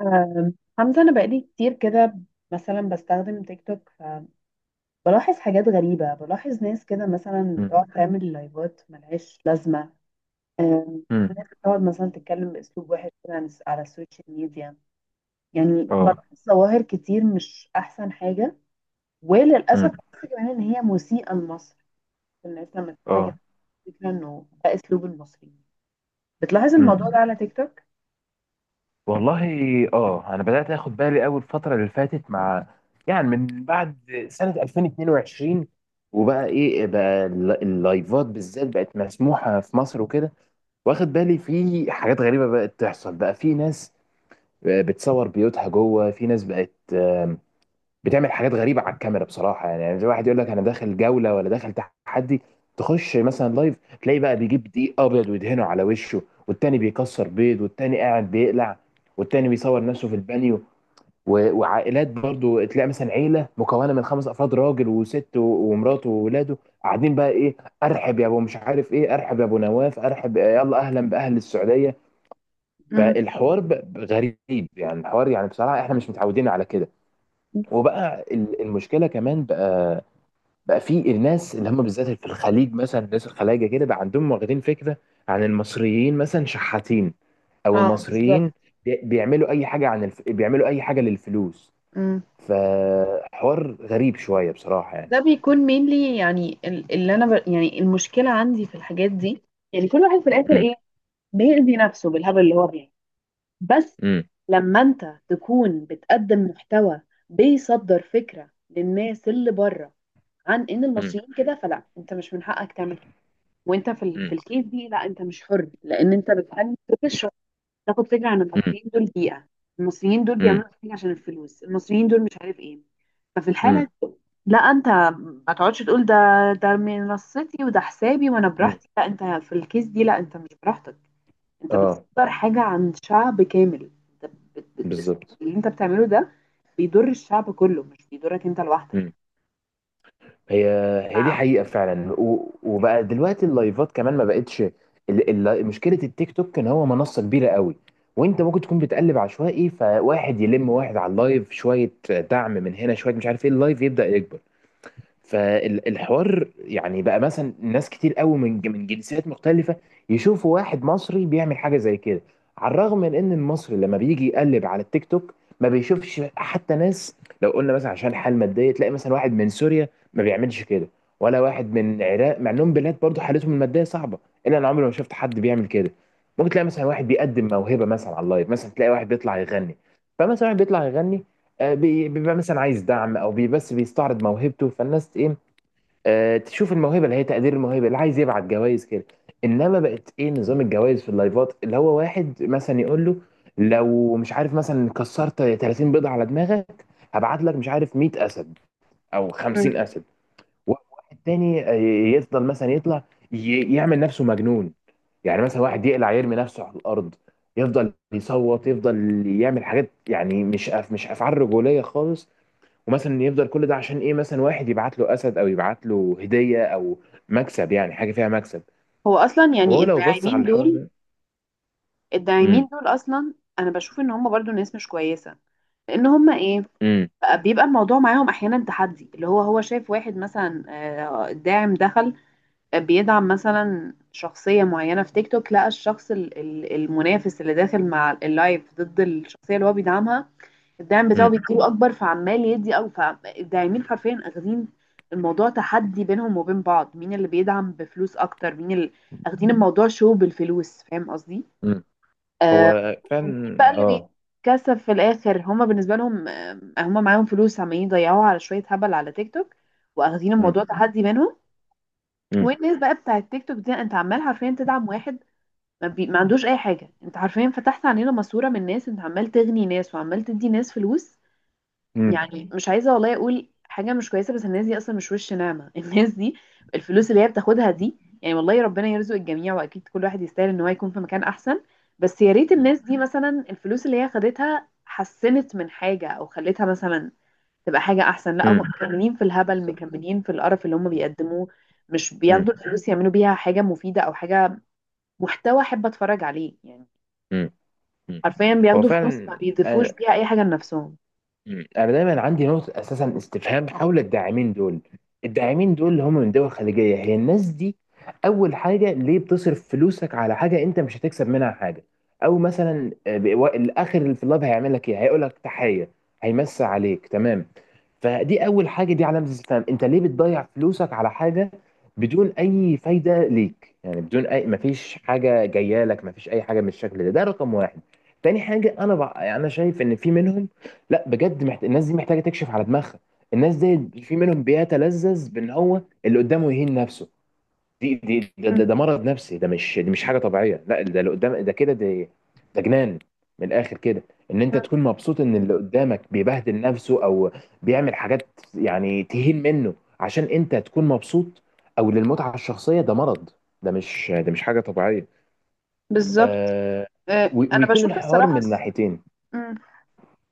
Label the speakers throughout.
Speaker 1: آم، حمزة، أنا بقالي كتير كده. مثلا بستخدم تيك توك، فبلاحظ حاجات غريبة، بلاحظ ناس كده مثلا
Speaker 2: مم.
Speaker 1: بتقعد تعمل لايفات ملهاش لازمة. آم،
Speaker 2: مم.
Speaker 1: ناس بتقعد مثلا تتكلم بأسلوب وحش كده على السوشيال ميديا. يعني
Speaker 2: اه.
Speaker 1: بلاحظ ظواهر كتير مش أحسن حاجة، وللأسف
Speaker 2: مم.
Speaker 1: بحس كمان إن هي مسيئة لمصر، الناس لما تشوفها
Speaker 2: اه.
Speaker 1: كده فكرة إنه ده أسلوب المصريين. بتلاحظ
Speaker 2: مم.
Speaker 1: الموضوع ده على تيك توك؟
Speaker 2: والله، اه، انا بدات اخد بالي قوي الفتره اللي فاتت مع، يعني، من بعد سنه 2022. وبقى ايه بقى اللايفات بالذات بقت مسموحه في مصر وكده. واخد بالي في حاجات غريبه بقت تحصل، بقى في ناس بتصور بيوتها جوه، في ناس بقت بتعمل حاجات غريبه على الكاميرا بصراحه. يعني زي واحد يقول لك انا داخل جوله، ولا داخل تحدي، تخش مثلا لايف تلاقي بقى بيجيب دقيق ابيض ويدهنه على وشه، والتاني بيكسر بيض، والتاني قاعد بيقلع، والتاني بيصور نفسه في البانيو، وعائلات برضو. تلاقي مثلا عيله مكونه من خمس افراد، راجل وست ومراته وولاده قاعدين بقى ايه؟ ارحب يا ابو مش عارف ايه، ارحب يا ابو نواف، ارحب، يلا اهلا باهل السعوديه.
Speaker 1: امم.
Speaker 2: فالحوار غريب يعني، الحوار يعني بصراحه احنا مش متعودين على كده. وبقى المشكله كمان، بقى في الناس اللي هم بالذات في الخليج، مثلا الناس الخلايجه كده بقى عندهم واخدين فكره عن المصريين مثلا شحاتين، او
Speaker 1: اه، بالظبط.
Speaker 2: المصريين بيعملوا اي حاجه، بيعملوا اي حاجه للفلوس. فحوار غريب شويه بصراحه يعني.
Speaker 1: ده بيكون mainly، يعني يعني المشكله عندي في الحاجات دي، يعني كل واحد في الاخر
Speaker 2: مم.
Speaker 1: ايه؟ بيأذي نفسه بالهبل اللي هو بيعمله بس.
Speaker 2: مم.
Speaker 1: لما انت تكون بتقدم محتوى، بيصدر فكره للناس اللي بره عن ان
Speaker 2: مم.
Speaker 1: المصريين كده، فلا انت مش من حقك تعمل كده. وانت في الكيس دي، لا انت مش حر، لان انت بتقدم فكره تاخد فكره عن
Speaker 2: مم.
Speaker 1: المصريين دول بيئه، المصريين دول
Speaker 2: مم.
Speaker 1: بيعملوا حاجه عشان الفلوس، المصريين دول مش عارف ايه. ففي
Speaker 2: مم.
Speaker 1: الحاله، لا انت ما تقعدش تقول ده ده منصتي وده حسابي وانا
Speaker 2: مم.
Speaker 1: براحتي، لا انت في الكيس دي لا انت مش براحتك. انت
Speaker 2: اه،
Speaker 1: بتصدر حاجة عن شعب كامل، انت بت... بت...
Speaker 2: بالظبط.
Speaker 1: اللي انت بتعمله ده بيضر الشعب كله، مش بيضرك انت لوحدك.
Speaker 2: مم. هي هي دي
Speaker 1: ف-
Speaker 2: حقيقة فعلا، وبقى دلوقتي اللايفات كمان ما بقتش. مشكلة التيك توك ان هو منصة كبيرة قوي، وانت ممكن تكون بتقلب عشوائي فواحد يلم واحد على اللايف شوية، دعم من هنا شوية، مش عارف ايه، اللايف يبدأ يكبر. فالحوار يعني بقى مثلا ناس كتير قوي من جنسيات مختلفة يشوفوا واحد مصري بيعمل حاجة زي كده. على الرغم من ان المصري لما بيجي يقلب على التيك توك ما بيشوفش حتى ناس. لو قلنا مثلا عشان حال مادية، تلاقي مثلا واحد من سوريا ما بيعملش كده، ولا واحد من العراق، مع انهم بلاد برضه حالتهم المادية صعبة، الا انا عمري ما شفت حد بيعمل كده. ممكن تلاقي مثلا واحد بيقدم موهبة مثلا على اللايف، مثلا تلاقي واحد بيطلع يغني. فمثلا واحد بيطلع يغني، بيبقى مثلا عايز دعم، او بس بيستعرض موهبته، فالناس ايه، تشوف الموهبه اللي هي تقدير الموهبه، اللي عايز يبعت جوائز كده. انما بقت ايه نظام الجوائز في اللايفات، اللي هو واحد مثلا يقول له لو مش عارف مثلا كسرت 30 بيضه على دماغك هبعت لك مش عارف 100 اسد او
Speaker 1: مم.
Speaker 2: 50 اسد. واحد تاني يفضل مثلا يطلع، يعمل نفسه مجنون، يعني مثلا واحد يقلع يرمي نفسه على الارض، يفضل يصوت، يفضل يعمل حاجات، يعني مش أف، مش افعال رجوليه خالص. ومثلا يفضل كل ده عشان ايه؟ مثلا واحد يبعت له اسد، او يبعت له هديه، او مكسب، يعني حاجه فيها مكسب،
Speaker 1: هو اصلا يعني
Speaker 2: وهو لو بص على
Speaker 1: الداعمين
Speaker 2: الحوار
Speaker 1: دول،
Speaker 2: ده.
Speaker 1: الداعمين
Speaker 2: امم.
Speaker 1: دول اصلا انا بشوف ان هم برضو ناس مش كويسة. لان هم ايه؟
Speaker 2: امم.
Speaker 1: بيبقى الموضوع معاهم احيانا تحدي، اللي هو شايف واحد مثلا، الداعم دخل بيدعم مثلا شخصية معينة في تيك توك، لقى الشخص المنافس اللي داخل مع اللايف ضد الشخصية اللي هو بيدعمها، الدعم بتاعه
Speaker 2: امم.
Speaker 1: بيديله أكبر، فعمال يدي، أو فالداعمين حرفيا أخذين الموضوع تحدي بينهم وبين بعض، مين اللي بيدعم بفلوس أكتر، مين اللي أخدين الموضوع شو بالفلوس. فاهم قصدي؟
Speaker 2: امم.
Speaker 1: آه،
Speaker 2: هو
Speaker 1: مين
Speaker 2: فعلا،
Speaker 1: بقى اللي
Speaker 2: اه.
Speaker 1: بيتكسب في الآخر؟ هما بالنسبة لهم، هما معاهم فلوس عمالين يضيعوها على شوية هبل على تيك توك، وأخدين
Speaker 2: امم.
Speaker 1: الموضوع تحدي منهم.
Speaker 2: امم.
Speaker 1: والناس بقى بتاع التيك توك دي، انت عمال حرفيا تدعم واحد ما عندوش اي حاجه، انت حرفيا فتحت علينا ماسوره من ناس، انت عمال تغني ناس وعمال تدي ناس فلوس.
Speaker 2: امم.
Speaker 1: يعني مش عايزه والله اقول حاجه مش كويسه، بس الناس دي اصلا مش وش نعمه الناس دي. الفلوس اللي هي بتاخدها دي، يعني والله ربنا يرزق الجميع، واكيد كل واحد يستاهل ان هو يكون في مكان احسن، بس يا ريت
Speaker 2: امم.
Speaker 1: الناس دي مثلا الفلوس اللي هي خدتها حسنت من حاجه، او خلتها مثلا تبقى حاجة أحسن. لا هم
Speaker 2: امم.
Speaker 1: مكملين في الهبل،
Speaker 2: بالظبط.
Speaker 1: مكملين في القرف اللي هم بيقدموه. مش بياخدوا
Speaker 2: امم.
Speaker 1: الفلوس يعملوا بيها حاجة مفيدة، أو حاجة محتوى أحب أتفرج عليه يعني.
Speaker 2: امم. امم.
Speaker 1: حرفيا
Speaker 2: هو
Speaker 1: بياخدوا فلوس ما
Speaker 2: فعلا.
Speaker 1: بيضيفوش بيها أي حاجة لنفسهم.
Speaker 2: مم. انا دايما عندي نقطه اساسا استفهام حول الداعمين دول. الداعمين دول اللي هم من دول خليجيه، هي الناس دي. اول حاجه، ليه بتصرف فلوسك على حاجه انت مش هتكسب منها حاجه؟ او مثلا الاخر اللي في اللاب هيعمل لك ايه؟ هيقول لك تحيه، هيمسي عليك، تمام. فدي اول حاجه، دي علامه استفهام. انت ليه بتضيع فلوسك على حاجه بدون اي فايده ليك يعني، بدون اي، مفيش حاجه جايه لك، مفيش اي حاجه من الشكل ده، ده رقم واحد. تاني حاجه انا بقى، انا شايف ان في منهم، لا بجد الناس دي محتاجه تكشف على دماغها. الناس دي في منهم بيتلذذ بان هو اللي قدامه يهين نفسه. دي دي ده,
Speaker 1: مم.
Speaker 2: ده, ده مرض نفسي. ده مش، دي مش حاجه طبيعيه. لا ده اللي قدام ده كده، ده ده جنان من الاخر كده. ان انت
Speaker 1: مم.
Speaker 2: تكون مبسوط ان اللي قدامك بيبهدل نفسه، او بيعمل حاجات يعني تهين منه عشان انت تكون مبسوط، او للمتعه الشخصيه، ده مرض، ده مش، ده مش حاجه طبيعيه.
Speaker 1: بالظبط.
Speaker 2: آه...
Speaker 1: انا
Speaker 2: ويكون
Speaker 1: بشوف
Speaker 2: الحوار
Speaker 1: الصراحه
Speaker 2: من ناحيتين.
Speaker 1: مم.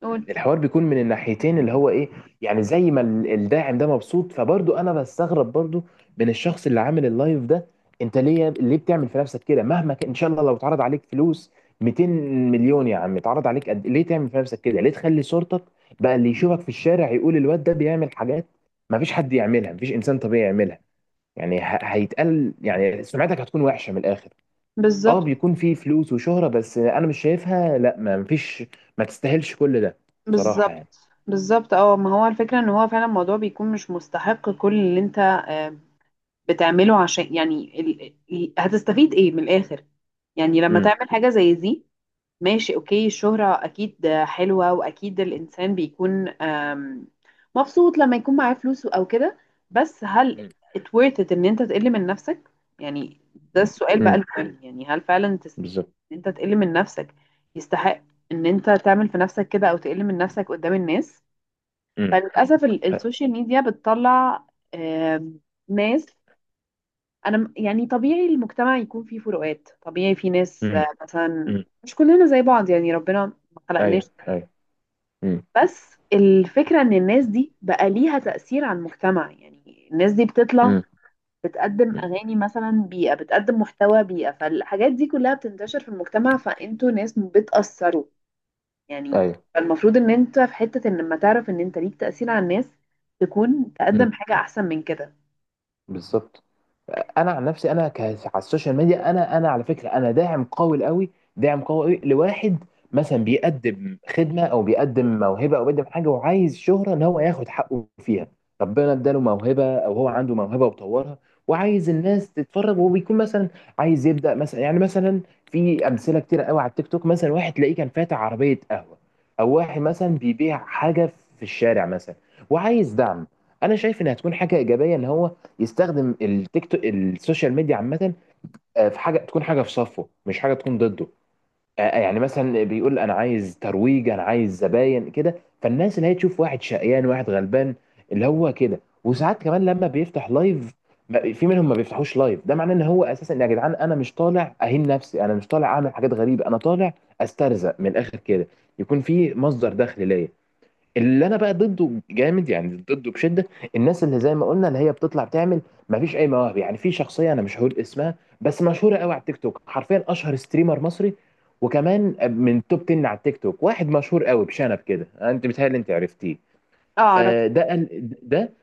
Speaker 1: قول.
Speaker 2: الحوار بيكون من الناحيتين اللي هو ايه، يعني زي ما الداعم ده مبسوط، فبرضه انا بستغرب برضه من الشخص اللي عامل اللايف ده. انت ليه بتعمل في نفسك كده؟ مهما كان، ان شاء الله لو اتعرض عليك فلوس 200 مليون يا عم، اتعرض عليك قد إيه؟ ليه تعمل في نفسك كده؟ ليه تخلي صورتك بقى اللي يشوفك في الشارع يقول الواد ده بيعمل حاجات ما فيش حد يعملها، ما فيش انسان طبيعي يعملها؟ يعني هيتقال يعني، سمعتك هتكون وحشة من الاخر. اه
Speaker 1: بالظبط.
Speaker 2: بيكون في فلوس وشهرة، بس انا مش شايفها، لا ما فيش، ما تستاهلش كل ده
Speaker 1: بالظبط.
Speaker 2: بصراحة يعني.
Speaker 1: بالظبط، اه ما هو الفكره ان هو فعلا الموضوع بيكون مش مستحق كل اللي انت بتعمله، عشان يعني هتستفيد ايه من الاخر؟ يعني لما
Speaker 2: امم.
Speaker 1: تعمل حاجه زي دي، ماشي اوكي، الشهرة اكيد حلوة، واكيد الانسان بيكون مبسوط لما يكون معاه فلوس او كده. بس هل
Speaker 2: امم.
Speaker 1: it worth it ان انت تقل من نفسك؟ يعني ده السؤال بقى
Speaker 2: امم.
Speaker 1: المهم، يعني هل فعلا
Speaker 2: بالظبط.
Speaker 1: ان انت تقل من نفسك يستحق ان انت تعمل في نفسك كده او تقل من نفسك قدام الناس؟
Speaker 2: امم.
Speaker 1: فللاسف السوشيال ميديا بتطلع آم، ناس. انا يعني طبيعي المجتمع يكون فيه فروقات، طبيعي في ناس
Speaker 2: امم.
Speaker 1: مثلا
Speaker 2: امم.
Speaker 1: مش كلنا زي بعض، يعني ربنا ما خلقناش
Speaker 2: ايوه،
Speaker 1: كده.
Speaker 2: ايوه. امم.
Speaker 1: بس الفكرة ان الناس دي بقى ليها تأثير على المجتمع، يعني الناس دي بتطلع
Speaker 2: امم.
Speaker 1: بتقدم
Speaker 2: امم.
Speaker 1: اغاني مثلا بيئة، بتقدم محتوى بيئة، فالحاجات دي كلها بتنتشر في المجتمع، فانتوا ناس بتأثروا يعني.
Speaker 2: ايوه.
Speaker 1: فالمفروض ان انت في حتة ان لما تعرف ان انت ليك تأثير على الناس، تكون
Speaker 2: امم.
Speaker 1: تقدم حاجة احسن من كده.
Speaker 2: بالظبط. انا عن نفسي، انا على السوشيال ميديا انا على فكره انا داعم قوي قوي لواحد مثلا بيقدم خدمه، او بيقدم موهبه، او بيقدم حاجه وعايز شهره ان هو ياخد حقه فيها. ربنا اداله موهبه او هو عنده موهبه وطورها، وعايز الناس تتفرج، وبيكون مثلا عايز يبدا مثلا يعني، مثلا في امثله كتير قوي على التيك توك، مثلا واحد تلاقيه كان فاتح عربيه قهوه، او واحد مثلا بيبيع حاجه في الشارع مثلا، وعايز دعم. انا شايف ان هتكون حاجه ايجابيه ان هو يستخدم السوشيال ميديا عامة، في حاجة تكون حاجة في صفه مش حاجة تكون ضده. يعني مثلا بيقول أنا عايز ترويج، أنا عايز زباين كده، فالناس اللي هي تشوف واحد شقيان، واحد غلبان اللي هو كده. وساعات كمان لما بيفتح لايف، في منهم ما بيفتحوش لايف. ده معناه ان هو اساسا يا جدعان انا مش طالع اهين نفسي، انا مش طالع اعمل حاجات غريبه، انا طالع استرزق من الاخر كده، يكون في مصدر دخل ليا. اللي انا بقى ضده جامد يعني، ضده بشده، الناس اللي زي ما قلنا اللي هي بتطلع تعمل مفيش اي مواهب يعني. في شخصيه انا مش هقول اسمها، بس مشهوره قوي على التيك توك، حرفيا اشهر ستريمر مصري، وكمان من توب 10 على التيك توك، واحد مشهور قوي بشنب كده، انت بتهيألي انت عرفتيه.
Speaker 1: اعرف.
Speaker 2: ده قال- ده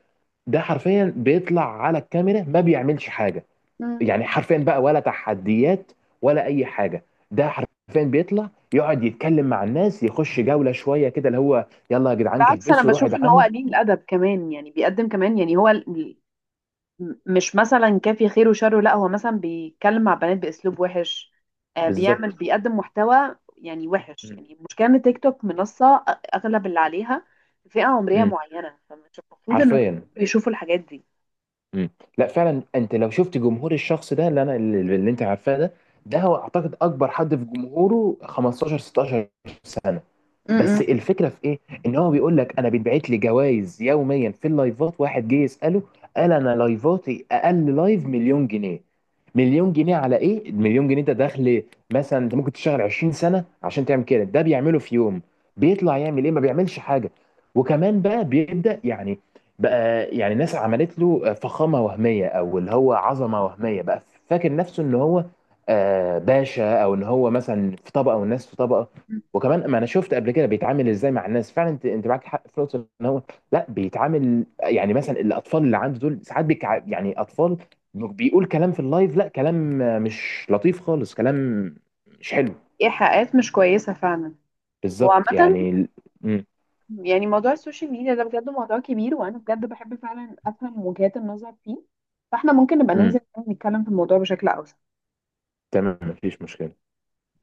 Speaker 2: ده حرفيا بيطلع على الكاميرا ما بيعملش حاجه.
Speaker 1: مم.
Speaker 2: يعني حرفيا بقى، ولا تحديات، ولا اي حاجه، ده حرفيا بيطلع يقعد يتكلم مع الناس، يخش جوله شويه كده اللي هو، يلا يا جدعان
Speaker 1: بالعكس، انا
Speaker 2: كبسوا روحوا
Speaker 1: بشوف ان هو
Speaker 2: ادعموا.
Speaker 1: قليل الادب كمان، يعني بيقدم كمان، يعني هو مش مثلا كافي خير وشره، لا هو مثلا بيتكلم مع بنات باسلوب وحش.
Speaker 2: بالظبط.
Speaker 1: بيقدم محتوى يعني وحش.
Speaker 2: مم.
Speaker 1: يعني المشكله ان تيك توك منصه، اغلب اللي عليها فئه عمريه
Speaker 2: امم.
Speaker 1: معينه، فمش المفروض ان هم
Speaker 2: حرفيا.
Speaker 1: يشوفوا الحاجات دي.
Speaker 2: امم. لا فعلا انت لو شفت جمهور الشخص ده اللي انا اللي انت عارفاه ده، ده هو اعتقد اكبر حد في جمهوره 15 16.
Speaker 1: م-
Speaker 2: بس الفكره في ايه، ان هو بيقول لك انا بيتبعت لي جوائز يوميا في اللايفات. واحد جه يساله، قال انا لايفاتي اقل لايف مليون جنيه. مليون جنيه على ايه؟ مليون جنيه ده دخل، مثلا انت ممكن تشتغل 20 سنه عشان تعمل كده، ده بيعمله في يوم. بيطلع يعمل ايه؟ ما بيعملش حاجه. وكمان بقى بيبدا يعني، بقى يعني ناس عملت له فخامه وهميه، او اللي هو عظمه وهميه بقى. فاكر نفسه ان هو باشا، او ان هو مثلا في طبقه والناس في طبقه.
Speaker 1: م.
Speaker 2: وكمان ما انا شفت قبل كده بيتعامل ازاي مع الناس. فعلا انت، انت معاك حق في نقطه ان هو لا بيتعامل، يعني مثلا الاطفال اللي عنده دول ساعات يعني اطفال بيقول كلام في اللايف، لا كلام مش لطيف خالص، كلام مش حلو.
Speaker 1: ايحاءات مش كويسه فعلا. وعامة
Speaker 2: بالظبط يعني. امم.
Speaker 1: يعني موضوع السوشيال ميديا ده بجد موضوع كبير، وأنا بجد بحب فعلا أفهم وجهات النظر فيه، فاحنا ممكن نبقى
Speaker 2: امم.
Speaker 1: ننزل نتكلم في الموضوع بشكل أوسع.
Speaker 2: تمام، مفيش مشكله.